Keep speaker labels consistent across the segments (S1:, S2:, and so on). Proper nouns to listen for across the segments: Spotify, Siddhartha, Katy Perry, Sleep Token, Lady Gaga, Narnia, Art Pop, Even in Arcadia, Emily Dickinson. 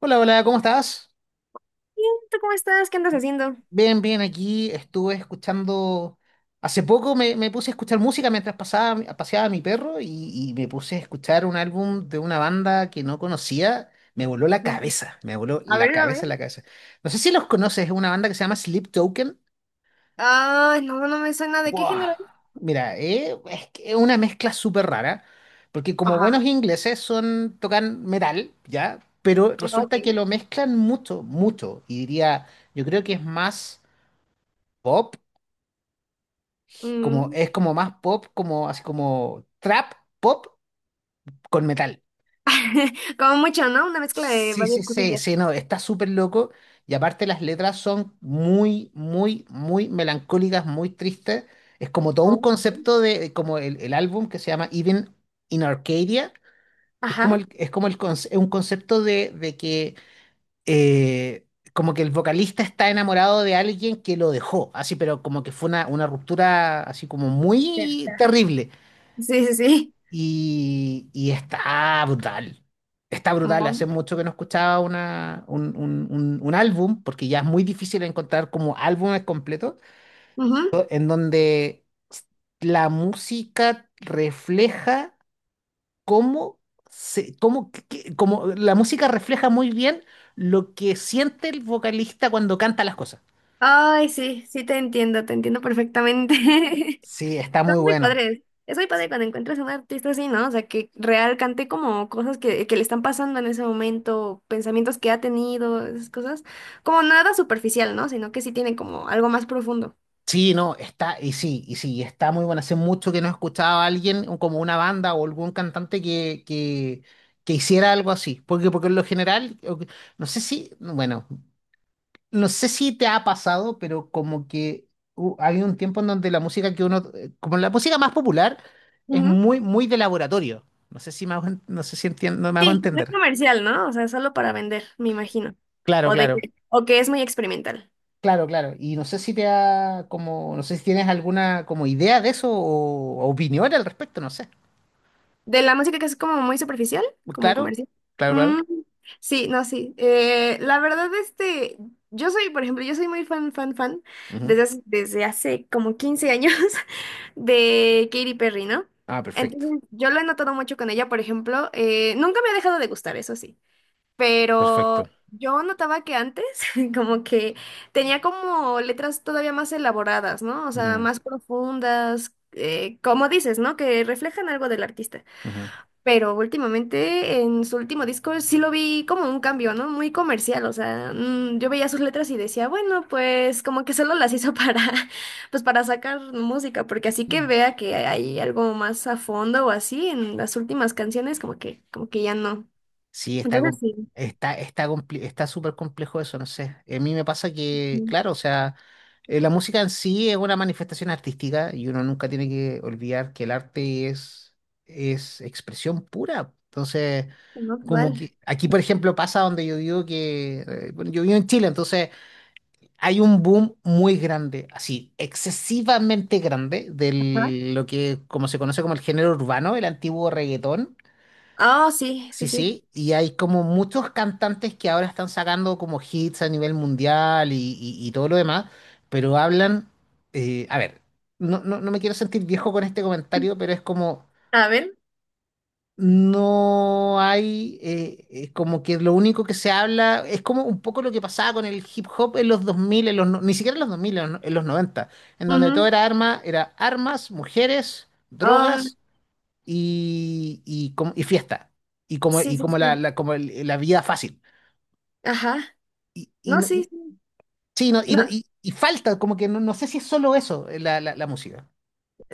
S1: Hola, hola, ¿cómo estás?
S2: Bien, ¿tú cómo estás? ¿Qué andas haciendo?
S1: Bien, bien, aquí estuve escuchando, hace poco me puse a escuchar música mientras paseaba a mi perro y me puse a escuchar un álbum de una banda que no conocía, me voló la
S2: Muy bien.
S1: cabeza, me voló
S2: A
S1: la
S2: ver, a ver.
S1: cabeza, la cabeza. No sé si los conoces, es una banda que se llama Sleep Token.
S2: Ay, no, no me suena. ¿De qué
S1: ¡Wow!
S2: género es?
S1: Mira, es que es una mezcla súper rara, porque como
S2: Ajá.
S1: buenos ingleses son, tocan metal, ¿ya? Pero resulta que
S2: Ok.
S1: lo mezclan mucho, mucho, yo creo que es más pop,
S2: Mm.
S1: es como más pop, como así como trap pop con metal.
S2: Como mucho, ¿no? Una mezcla de
S1: Sí, sí,
S2: varias
S1: sí,
S2: cosillas.
S1: sí, no, está súper loco. Y aparte las letras son muy, muy, muy melancólicas, muy tristes. Es como todo un
S2: Ok.
S1: concepto de, como el álbum que se llama Even in Arcadia. Es como
S2: Ajá.
S1: el, es como un concepto de que eh, como que el vocalista está enamorado de alguien que lo dejó, así, pero como que fue una ruptura así como
S2: Ya.
S1: muy terrible.
S2: Sí, sí, sí.
S1: Y está brutal. Está brutal. Hace
S2: Ujú.
S1: mucho que no escuchaba una, un álbum, porque ya es muy difícil encontrar como álbumes completos,
S2: Ujú.
S1: en donde la música refleja cómo la música refleja muy bien lo que siente el vocalista cuando canta las cosas.
S2: Ay, sí, sí te entiendo perfectamente.
S1: Sí, está
S2: Son
S1: muy
S2: muy
S1: bueno.
S2: padres. Es muy padre cuando encuentras a un artista así, ¿no? O sea, que real cante como cosas que le están pasando en ese momento, pensamientos que ha tenido, esas cosas. Como nada superficial, ¿no? Sino que sí tiene como algo más profundo.
S1: Sí, no, está, y sí, está muy bueno. Hace mucho que no escuchaba a alguien, o como una banda o algún cantante que hiciera algo así. Porque, porque en lo general, no sé si, bueno, no sé si te ha pasado, pero como que ha un tiempo en donde la música que uno, como la música más popular, es
S2: Ujú.
S1: muy, muy de laboratorio. No sé si me hago no sé si entiendo, me hago
S2: Sí, no es
S1: entender.
S2: comercial, ¿no? O sea, solo para vender, me imagino.
S1: Claro,
S2: O de
S1: claro.
S2: que, o que es muy experimental.
S1: Claro, claro. Y no sé si te ha, como, no sé si tienes alguna como idea de eso o opinión al respecto, no sé.
S2: De la música que es como muy superficial, como
S1: Claro,
S2: comercial.
S1: claro, claro.
S2: Mm, sí, no, sí. La verdad, este, yo soy, por ejemplo, yo soy muy fan, fan, fan,
S1: Ujú.
S2: desde hace como 15 años de Katy Perry, ¿no?
S1: Ah, perfecto,
S2: Entonces, yo lo he notado mucho con ella, por ejemplo. Nunca me ha dejado de gustar, eso sí.
S1: perfecto.
S2: Pero yo notaba que antes, como que tenía como letras todavía más elaboradas, ¿no? O sea,
S1: Mm,
S2: más profundas, como dices, ¿no? Que reflejan algo del artista.
S1: ujú.
S2: Pero últimamente en su último disco sí lo vi como un cambio, ¿no? Muy comercial, o sea, yo veía sus letras y decía, bueno, pues como que solo las hizo para, pues para sacar música, porque así que
S1: Mm.
S2: vea que hay algo más a fondo o así en las últimas canciones, como que ya no.
S1: Sí, está,
S2: Entonces sí,
S1: está, está, está súper complejo eso, no sé. A mí me pasa que,
S2: mm,
S1: claro, o sea, la música en sí es una manifestación artística y uno nunca tiene que olvidar que el arte es expresión pura. Entonces,
S2: no,
S1: como
S2: vale.
S1: que aquí, por ejemplo, pasa donde yo digo que, bueno, yo vivo en Chile, entonces hay un boom muy grande, así, excesivamente grande, de
S2: Ajá.
S1: lo que como se conoce como el género urbano, el antiguo reggaetón.
S2: Ah, sí, sí,
S1: Sí,
S2: sí.
S1: sí, y hay como muchos cantantes que ahora están sacando como hits a nivel mundial y todo lo demás, pero hablan, a ver, no, no, no me quiero sentir viejo con este comentario, pero es como
S2: A ver.
S1: no hay, como que lo único que se habla es como un poco lo que pasaba con el hip hop en los 2000 en los, ni siquiera en los 2000, en los, no, en los 90 en donde todo
S2: Ujú.
S1: era arma, era armas, mujeres,
S2: Ah,
S1: drogas y fiesta,
S2: sí,
S1: y
S2: sí,
S1: como,
S2: sí.
S1: como la vida fácil.
S2: Ajá.
S1: Y,
S2: No, sí. sí.
S1: sí, no,
S2: No.
S1: y falta, como que no, no sé si es solo eso, la música.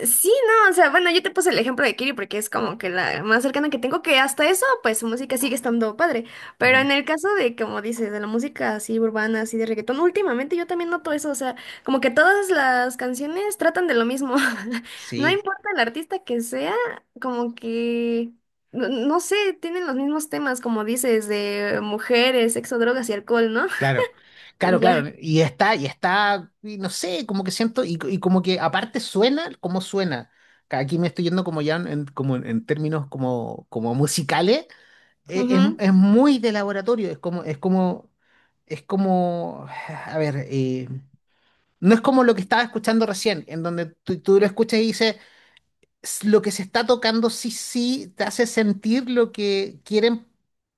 S2: Sí, no, o sea, bueno, yo te puse el ejemplo de Kiri porque es como que la más cercana que tengo, que hasta eso, pues su música sigue estando padre. Pero
S1: Ujú.
S2: en el caso de, como dices, de la música así urbana, así de reggaetón, últimamente yo también noto eso, o sea, como que todas las canciones tratan de lo mismo. No
S1: Sí,
S2: importa el artista que sea, como que, no, no sé, tienen los mismos temas, como dices, de mujeres, sexo, drogas y alcohol, ¿no?
S1: claro,
S2: Y
S1: claro,
S2: ya.
S1: claro. Y está, y está, y no sé, como que siento, y como que aparte suena como suena. Aquí me estoy yendo como ya en, como en términos como, como musicales.
S2: Ujú.
S1: Es muy de laboratorio, es como, es como, es como, a ver, no es como lo que estaba escuchando recién, en donde tú lo escuchas y dices, lo que se está tocando sí, sí te hace sentir lo que quieren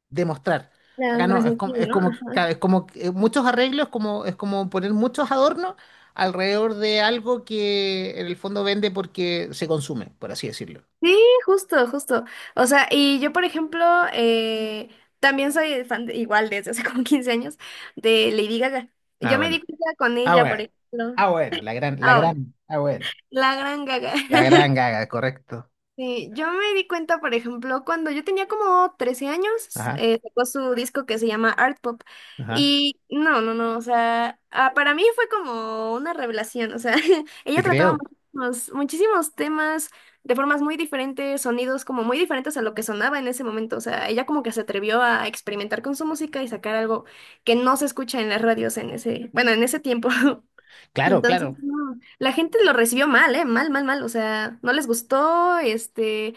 S1: demostrar.
S2: La
S1: Acá no,
S2: transmisión,
S1: es
S2: ¿no?
S1: como,
S2: Ajá.
S1: claro, es como que, muchos arreglos, como, es como poner muchos adornos alrededor de algo que en el fondo vende porque se consume, por así decirlo.
S2: Sí, justo, justo. O sea, y yo, por ejemplo, eh, también soy fan, igual desde hace como 15 años, de Lady Gaga.
S1: Ah,
S2: Yo me di
S1: bueno.
S2: cuenta con
S1: Ah,
S2: ella, por
S1: bueno.
S2: ejemplo.
S1: Ah, bueno, la
S2: Ah,
S1: gran, ah, bueno.
S2: la gran Gaga.
S1: La gran Gaga, correcto.
S2: Sí, yo me di cuenta, por ejemplo, cuando yo tenía como 13 años,
S1: Ajá,
S2: sacó su disco que se llama Art Pop.
S1: ajá.
S2: Y no, no, no, o sea, ah, para mí fue como una revelación, o sea, ella
S1: Te
S2: trataba
S1: creo.
S2: muchísimos, muchísimos temas de formas muy diferentes, sonidos como muy diferentes a lo que sonaba en ese momento, o sea, ella como que se atrevió a experimentar con su música y sacar algo que no se escucha en las radios en ese, bueno, en ese tiempo.
S1: Claro,
S2: Entonces,
S1: claro.
S2: no, la gente lo recibió mal, ¿eh? Mal, mal, mal. O sea, no les gustó, este,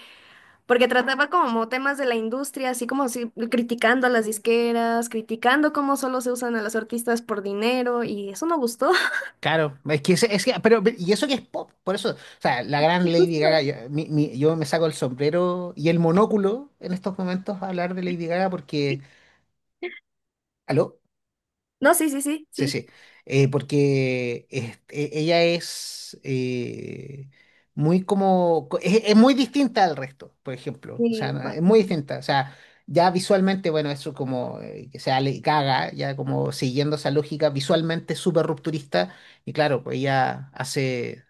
S2: porque trataba como temas de la industria, así como si, criticando a las disqueras, criticando cómo solo se usan a los artistas por dinero, y eso no gustó.
S1: Claro, es que, pero, y eso que es pop, por eso, o sea, la
S2: Y
S1: gran Lady
S2: justo,
S1: Gaga, yo, yo me saco el sombrero y el monóculo en estos momentos a hablar de Lady Gaga porque, aló,
S2: no, sí, sí, sí,
S1: sí,
S2: sí.
S1: sí, porque este, ella es muy como, es muy distinta al resto, por ejemplo, o sea,
S2: Sí,
S1: no, es muy
S2: bastante.
S1: distinta, o sea, ya visualmente, bueno, eso como, que sea Lady Gaga, ya como siguiendo esa lógica visualmente súper rupturista, y claro, pues ella hace.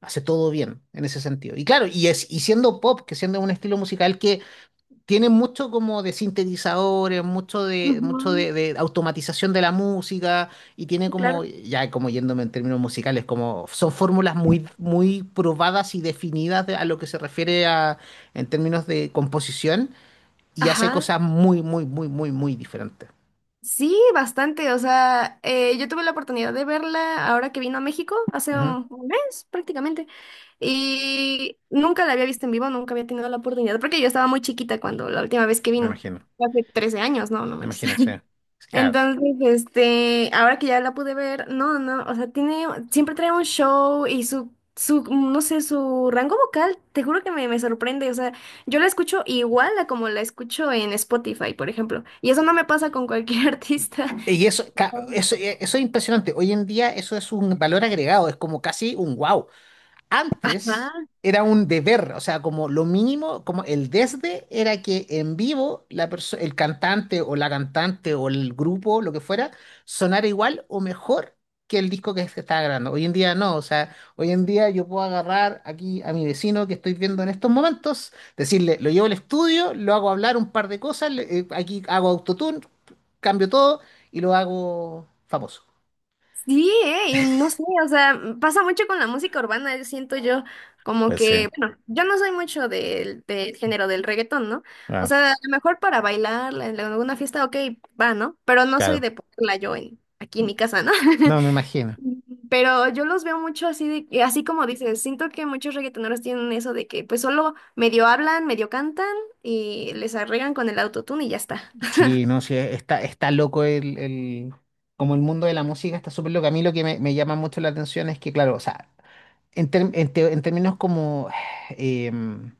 S1: Hace todo bien en ese sentido. Y claro, y, es, y siendo pop, que siendo un estilo musical que tiene mucho como de sintetizadores, mucho de, mucho
S2: Ujú,
S1: de, de automatización de la música, y tiene
S2: sí,
S1: como,
S2: claro.
S1: ya como yéndome en términos musicales, como son fórmulas muy, muy probadas y definidas a lo que se refiere a, en términos de composición, y hace
S2: Ajá.
S1: cosas muy, muy, muy, muy, muy diferentes.
S2: Sí, bastante. O sea, yo tuve la oportunidad de verla ahora que vino a México, hace
S1: Ujú,
S2: un mes prácticamente. Y nunca la había visto en vivo, nunca había tenido la oportunidad, porque yo estaba muy chiquita cuando la última vez que
S1: me
S2: vino.
S1: imagino,
S2: Hace 13 años, no, no
S1: me
S2: manches.
S1: imagino, sí. Claro.
S2: Entonces, este, ahora que ya la pude ver, no, no, o sea, tiene, siempre trae un show y su, no sé, su rango vocal, te juro que me sorprende, o sea, yo la escucho igual a como la escucho en Spotify, por ejemplo, y eso no me pasa con cualquier artista.
S1: Y eso, eso, eso es impresionante. Hoy en día eso es un valor agregado, es como casi un wow.
S2: Ajá.
S1: Antes era un deber, o sea, como lo mínimo, como el desde era que en vivo el cantante o la cantante o el grupo, lo que fuera, sonara igual o mejor que el disco que se estaba grabando. Hoy en día no, o sea, hoy en día yo puedo agarrar aquí a mi vecino que estoy viendo en estos momentos, decirle, lo llevo al estudio, lo hago hablar un par de cosas, aquí hago autotune, cambio todo y lo hago famoso.
S2: Sí, y no sé, o sea, pasa mucho con la música urbana, yo siento yo como
S1: Pues sí,
S2: que, bueno, yo no soy mucho del género del reggaetón, ¿no? O
S1: ah,
S2: sea, a lo mejor para bailar en alguna fiesta, ok, va, ¿no? Pero no soy
S1: claro.
S2: de ponerla yo en, aquí en mi casa, ¿no?
S1: No, me imagino.
S2: Pero yo los veo mucho así, así como dices, siento que muchos reggaetoneros tienen eso de que pues solo medio hablan, medio cantan y les arreglan con el autotune y ya está.
S1: Sí, no, sí, está, está loco como el mundo de la música está súper loco. A mí lo que me llama mucho la atención es que, claro, o sea, en, en términos como em,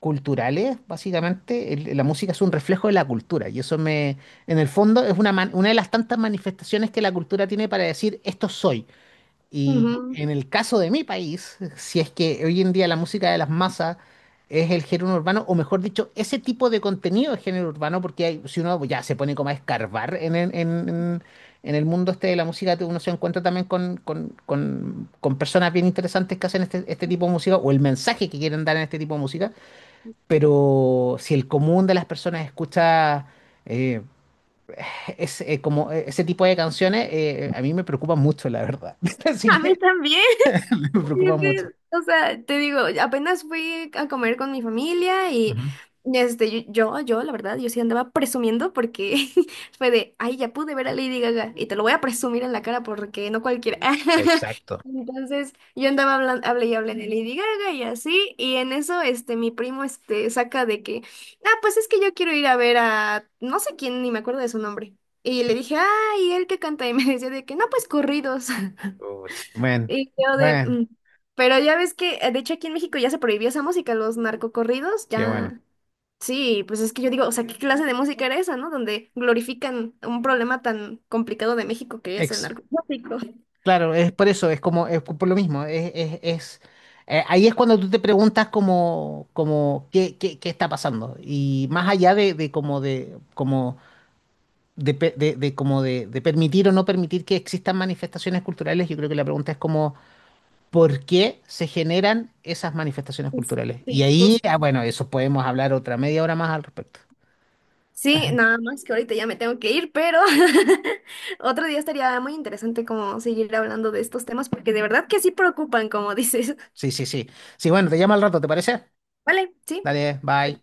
S1: culturales, básicamente, la música es un reflejo de la cultura. Y eso me, en el fondo, es una de las tantas manifestaciones que la cultura tiene para decir, esto soy. Y
S2: Ujú.
S1: en el caso de mi país, si es que hoy en día la música de las masas es el género urbano, o mejor dicho, ese tipo de contenido es género urbano, porque si uno ya se pone como a escarbar en, en el mundo este de la música, uno se encuentra también con personas bien interesantes que hacen este tipo de música, o el mensaje que quieren dar en este tipo de música, pero si el común de las personas escucha... eh, como ese tipo de canciones a mí me preocupa mucho, la verdad. Así
S2: A mí
S1: que
S2: también.
S1: me
S2: Es
S1: preocupa mucho.
S2: que, o sea, te digo, apenas fui a comer con mi familia y
S1: Ujú.
S2: este, yo, la verdad, yo sí andaba presumiendo porque fue de, ay, ya pude ver a Lady Gaga y te lo voy a presumir en la cara porque no cualquiera.
S1: Exacto.
S2: Entonces, yo andaba hablando, hablé y hablé de Lady Gaga y así, y en eso, este, mi primo, este, saca de que, ah, pues es que yo quiero ir a ver a, no sé quién, ni me acuerdo de su nombre. Y le dije, ay, ¿y él que canta? Y me decía de que, no, pues corridos.
S1: Bueno,
S2: Y yo de...
S1: bueno,
S2: mm. Pero ya ves que, de hecho, aquí en México ya se prohibió esa música, los narcocorridos,
S1: qué bueno.
S2: ya... Sí, pues es que yo digo, o sea, ¿qué clase de música era esa, no? Donde glorifican un problema tan complicado de México que es el
S1: Ex,
S2: narcotráfico.
S1: claro, es por eso, es como, es por lo mismo, ahí es cuando tú te preguntas como, como qué, qué, qué está pasando. Y más allá de como de, como de, pe- de como de permitir o no permitir que existan manifestaciones culturales, yo creo que la pregunta es como, ¿por qué se generan esas manifestaciones
S2: Pues,
S1: culturales? Y
S2: sí,
S1: ahí,
S2: justo.
S1: ah, bueno, eso podemos hablar otra media hora más al respecto.
S2: Sí, nada más que ahorita ya me tengo que ir, pero otro día estaría muy interesante como seguir hablando de estos temas, porque de verdad que sí preocupan, como dices.
S1: Sí, sí, sí. Sí, bueno, te llamo al rato, ¿te parece?
S2: Vale, sí.
S1: Dale, bye.